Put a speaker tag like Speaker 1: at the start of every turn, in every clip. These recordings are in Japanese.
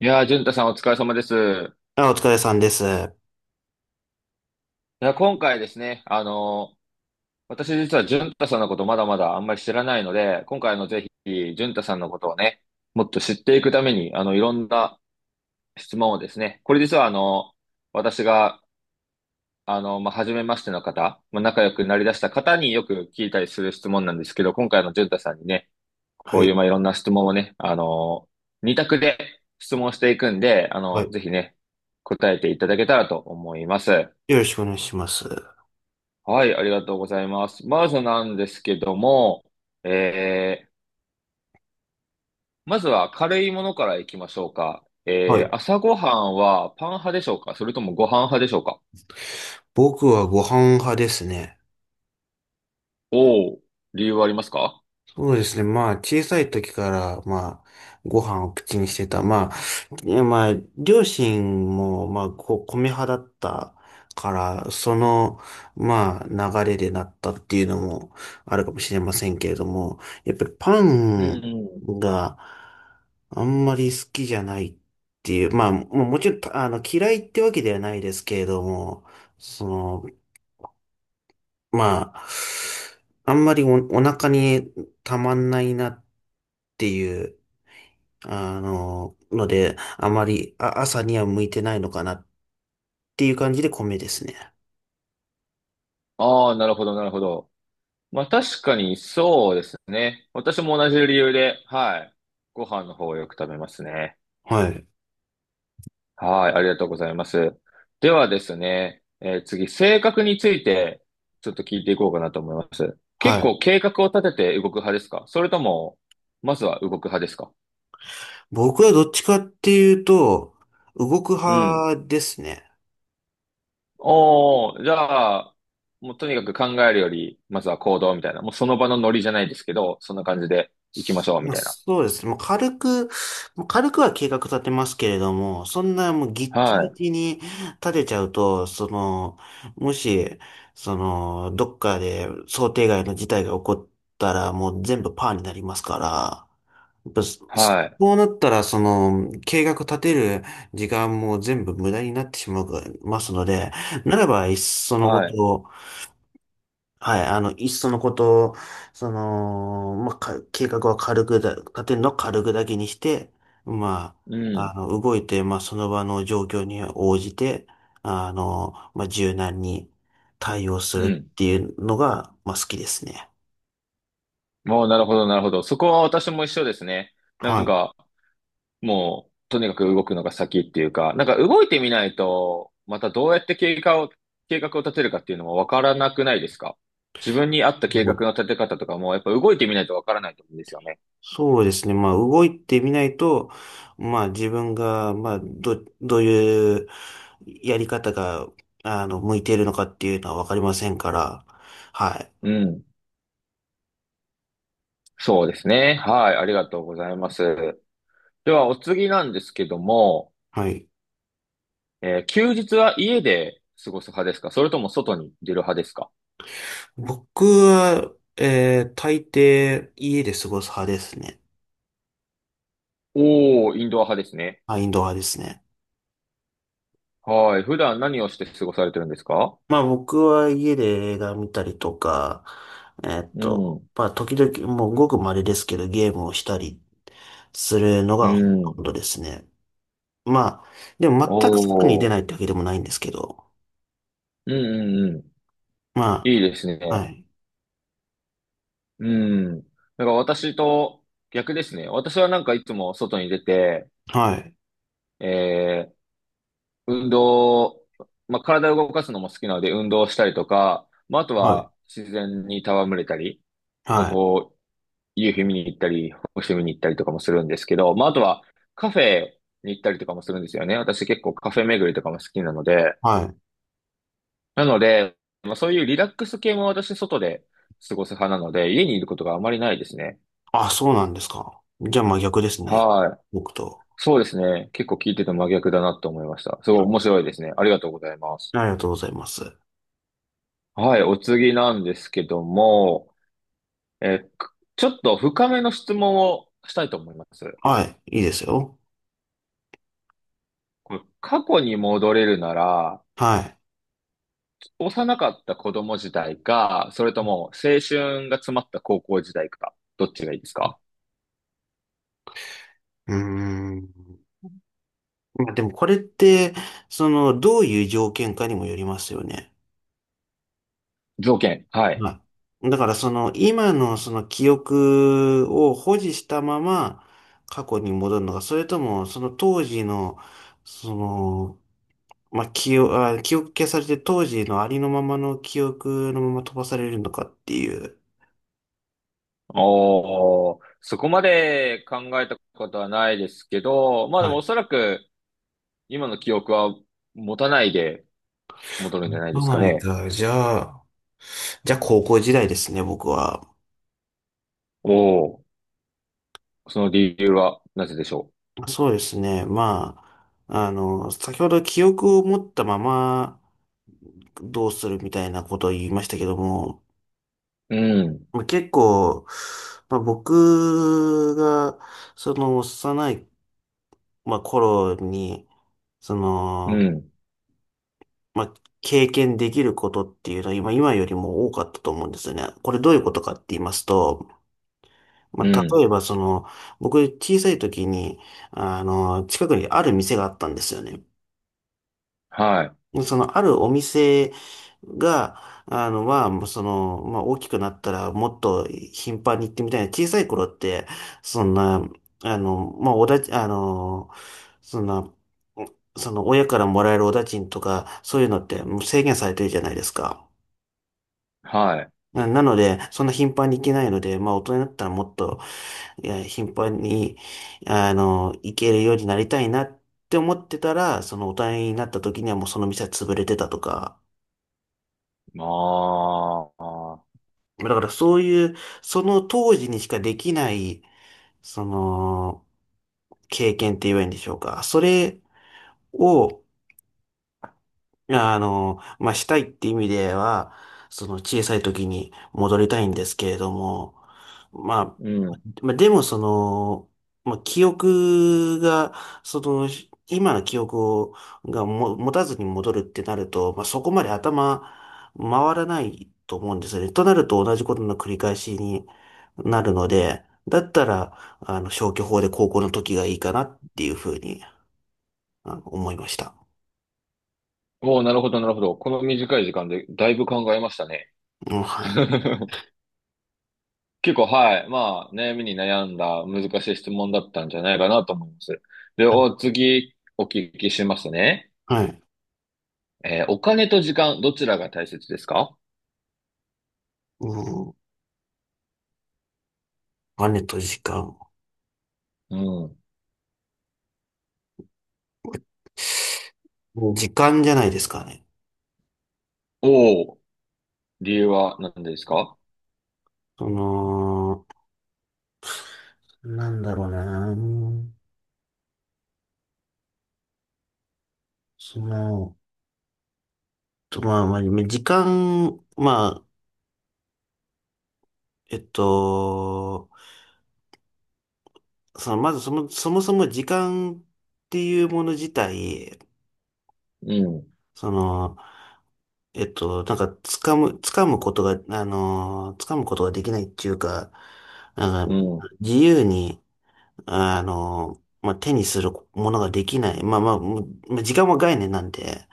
Speaker 1: いやー、淳太さんお疲れ様です。い
Speaker 2: あ、お疲れさんです。は
Speaker 1: や、今回ですね、私実は淳太さんのことまだまだあんまり知らないので、今回ぜひ、淳太さんのことをね、もっと知っていくために、いろんな質問をですね、これ実は私が、まあ、初めましての方、まあ、仲良くなりだした方によく聞いたりする質問なんですけど、今回の淳太さんにね、こうい
Speaker 2: い。
Speaker 1: う、まあ、いろんな質問をね、二択で質問していくんで、
Speaker 2: はい。
Speaker 1: ぜひね、答えていただけたらと思います。
Speaker 2: よろしくお願いします。
Speaker 1: はい、ありがとうございます。まずなんですけども、えー、まずは軽いものからいきましょうか？
Speaker 2: はい。
Speaker 1: 朝ごはんはパン派でしょうか、それともご飯派でしょうか？
Speaker 2: 僕はご飯派ですね。
Speaker 1: おー、理由はありますか？
Speaker 2: そうですね。小さい時から、ご飯を口にしてた。いやまあ、両親も、こう、米派だったから、流れでなったっていうのもあるかもしれませんけれども、やっぱりパ
Speaker 1: う
Speaker 2: ン
Speaker 1: んうん。
Speaker 2: があんまり好きじゃないっていう、もちろん、嫌いってわけではないですけれども、その、まあ、あんまりお腹にたまんないなっていう、ので、あまり、あ、朝には向いてないのかなっていう感じで米ですね。
Speaker 1: ああ、なるほど、なるほど。まあ確かにそうですね。私も同じ理由で、はい、ご飯の方をよく食べますね。
Speaker 2: はい。
Speaker 1: はい、ありがとうございます。ではですね、次、性格についてちょっと聞いていこうかなと思います。結
Speaker 2: はい。
Speaker 1: 構計画を立てて動く派ですか、それとも、まずは動く派ですか？
Speaker 2: 僕はどっちかっていうと、動く
Speaker 1: うん。
Speaker 2: 派ですね。
Speaker 1: おー、じゃあ、もうとにかく考えるより、まずは行動みたいな。もうその場のノリじゃないですけど、そんな感じで行きましょうみたいな。
Speaker 2: そうですね。もう軽くは計画立てますけれども、そんなもうギッチ
Speaker 1: は
Speaker 2: ギ
Speaker 1: い、
Speaker 2: チに立てちゃうと、もし、どっかで想定外の事態が起こったら、もう全部パーになりますから、やっぱそ
Speaker 1: はい、
Speaker 2: そうなったら、その、計画立てる時間も全部無駄になってしまいますので、ならば、いっそのこ
Speaker 1: はい。
Speaker 2: と、はい、いっそのこと、計画は軽くだ、立てるのは軽くだけにして、ま
Speaker 1: うん、
Speaker 2: 動いて、まあ、その場の状況に応じて、まあ、柔軟に対応す
Speaker 1: う
Speaker 2: る
Speaker 1: ん。
Speaker 2: っていうのが、まあ、好きですね。
Speaker 1: もうなるほど、なるほど。そこは私も一緒ですね。な
Speaker 2: は
Speaker 1: ん
Speaker 2: い。
Speaker 1: か、もう、とにかく動くのが先っていうか、なんか動いてみないと、またどうやって計画を立てるかっていうのもわからなくないですか？自分に合った
Speaker 2: も
Speaker 1: 計画
Speaker 2: う
Speaker 1: の立て方とかも、やっぱ動いてみないとわからないと思うんですよね。
Speaker 2: そうですね。まあ、動いてみないと、まあ、自分が、どういうやり方が、向いているのかっていうのはわかりませんから、はい。
Speaker 1: うん。そうですね。はい。ありがとうございます。では、お次なんですけども、
Speaker 2: はい。
Speaker 1: 休日は家で過ごす派ですか、それとも外に出る派ですか？
Speaker 2: 僕は、大抵家で過ごす派ですね。
Speaker 1: おー、インドア派ですね。
Speaker 2: はい、インドア派ですね。
Speaker 1: はい。普段何をして過ごされてるんですか？
Speaker 2: まあ僕は家で映画見たりとか、
Speaker 1: うん。
Speaker 2: まあ時々、もうごく稀ですけどゲームをしたりするの
Speaker 1: う
Speaker 2: がほと
Speaker 1: ん。
Speaker 2: んどですね。まあ、でも全く外に
Speaker 1: お
Speaker 2: 出ない
Speaker 1: ー。
Speaker 2: ってわけでもないんですけど、
Speaker 1: うんうんうん。
Speaker 2: ま
Speaker 1: いいですね。
Speaker 2: あ、はい、
Speaker 1: うん。だから私と逆ですね。私はなんかいつも外に出て、
Speaker 2: はい、
Speaker 1: えー、運動、まあ、体を動かすのも好きなので運動したりとか、まあ、あと
Speaker 2: はい、
Speaker 1: は自然に戯れたり、まあ、
Speaker 2: はい、
Speaker 1: こう、夕日見に行ったり、星見に行ったりとかもするんですけど、まあ、あとはカフェに行ったりとかもするんですよね。私結構カフェ巡りとかも好きなので、
Speaker 2: はい。
Speaker 1: なので、まあ、そういうリラックス系も私外で過ごす派なので、家にいることがあまりないですね。
Speaker 2: あ、そうなんですか。じゃあまあ逆ですね。
Speaker 1: はい。
Speaker 2: 僕と。
Speaker 1: そうですね。結構聞いてて真逆だなと思いました。すごい面白いですね。ありがとうございます。
Speaker 2: ありがとうございます。
Speaker 1: はい。お次なんですけども、ちょっと深めの質問をしたいと思います。
Speaker 2: はい、いいですよ。
Speaker 1: これ、過去に戻れるなら、
Speaker 2: はい。
Speaker 1: 幼かった子供時代か、それとも青春が詰まった高校時代か、どっちがいいです
Speaker 2: う
Speaker 1: か？
Speaker 2: ーん。まあでもこれって、その、どういう条件かにもよりますよね。
Speaker 1: 条件。はい。
Speaker 2: はい。だからその、今のその記憶を保持したまま過去に戻るのか、それともその当時の、その、まあ、記憶消されて当時のありのままの記憶のまま飛ばされるのかっていう。
Speaker 1: おー、そこまで考えたことはないですけど、まあで
Speaker 2: は
Speaker 1: もお
Speaker 2: い。
Speaker 1: そらく今の記憶は持たないで、戻るんじゃないで
Speaker 2: そう
Speaker 1: すか
Speaker 2: ない
Speaker 1: ね。
Speaker 2: か。じゃあ高校時代ですね、僕は。
Speaker 1: おお、その理由はなぜでしょ
Speaker 2: そうですね。先ほど記憶を持ったままどうするみたいなことを言いましたけども、
Speaker 1: う？うん、
Speaker 2: まあ結構、僕が、その幼い、まあ、頃に、そ
Speaker 1: う
Speaker 2: の、
Speaker 1: ん、
Speaker 2: まあ、経験できることっていうのは今よりも多かったと思うんですよね。これどういうことかって言いますと、
Speaker 1: う
Speaker 2: まあ、
Speaker 1: ん。
Speaker 2: 例えばその、僕小さい時に、あの、近くにある店があったんですよね。
Speaker 1: はい、
Speaker 2: その、あるお店が、まあ、大きくなったらもっと頻繁に行ってみたいな。小さい頃って、そんな、あの、まあ、おだち、あの、そんな、その、親からもらえるお駄賃とか、そういうのってもう制限されてるじゃないですか。
Speaker 1: はい。
Speaker 2: なので、そんな頻繁に行けないので、まあ、大人になったらもっと、いや、頻繁に、行けるようになりたいなって思ってたら、その大人になった時にはもうその店は潰れてたとか、
Speaker 1: まあ、あ
Speaker 2: だからそういう、その当時にしかできない、その、経験って言えばいいんでしょうか。それを、まあ、したいって意味では、その小さい時に戻りたいんですけれども、まあ、
Speaker 1: うん。
Speaker 2: でもその、まあ、記憶が、その、今の記憶を、持たずに戻るってなると、まあ、そこまで頭回らないと思うんですよね。となると同じことの繰り返しになるので、だったら、消去法で高校の時がいいかなっていうふうに、あの思いました。
Speaker 1: おお、なるほど、なるほど。この短い時間でだいぶ考えましたね。
Speaker 2: うん、はい。
Speaker 1: 結構、はい。まあ、悩みに悩んだ難しい質問だったんじゃないかなと思います。で、次、お聞きしますね。
Speaker 2: はい。
Speaker 1: お金と時間、どちらが大切ですか？
Speaker 2: うん、お金と時間。
Speaker 1: うん。
Speaker 2: 時間じゃないですかね。
Speaker 1: おお、理由は何ですか？
Speaker 2: その、なんだろうな。その、と、まあ、まあ、時間、まあ、えっと、その、まずそもそも時間っていうもの自体、
Speaker 1: うん、
Speaker 2: その、なんか、掴むことが、掴むことができないっていうか、な
Speaker 1: う
Speaker 2: んか、
Speaker 1: ん。
Speaker 2: 自由に、まあ、手にするものができない。まあ時間は概念なんで、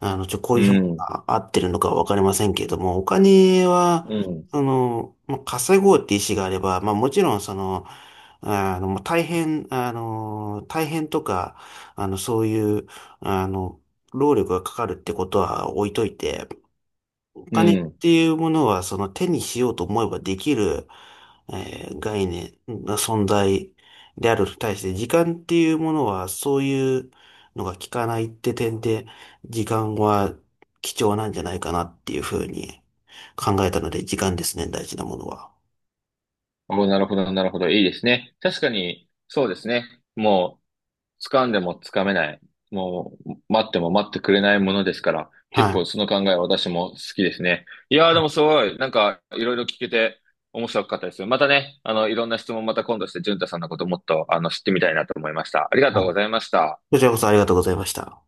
Speaker 2: こ
Speaker 1: う
Speaker 2: ういう表現
Speaker 1: ん、
Speaker 2: が合ってるのかわかりませんけれども、お金
Speaker 1: う
Speaker 2: は、
Speaker 1: ん、
Speaker 2: まあ、稼ごうって意思があれば、まあもちろんその、大変とか、あの、そういう、あの、労力がかかるってことは置いといて、お
Speaker 1: う
Speaker 2: 金っ
Speaker 1: ん。
Speaker 2: ていうものは、その手にしようと思えばできる、概念、存在であると対して、時間っていうものは、そういうのが効かないって点で、時間は貴重なんじゃないかなっていうふうに考えたので、時間ですね、大事なものは。
Speaker 1: お、なるほど、なるほど。いいですね。確かに、そうですね。もう、掴んでも掴めない。もう、待っても待ってくれないものですから、結
Speaker 2: は
Speaker 1: 構
Speaker 2: い。
Speaker 1: その考えは私も好きですね。いやー、でもすごい、なんか、いろいろ聞けて面白かったです。またね、いろんな質問また今度して、淳太さんのこともっと、知ってみたいなと思いました。ありが
Speaker 2: う
Speaker 1: とう
Speaker 2: ん、
Speaker 1: ございました。
Speaker 2: こちらこそありがとうございました。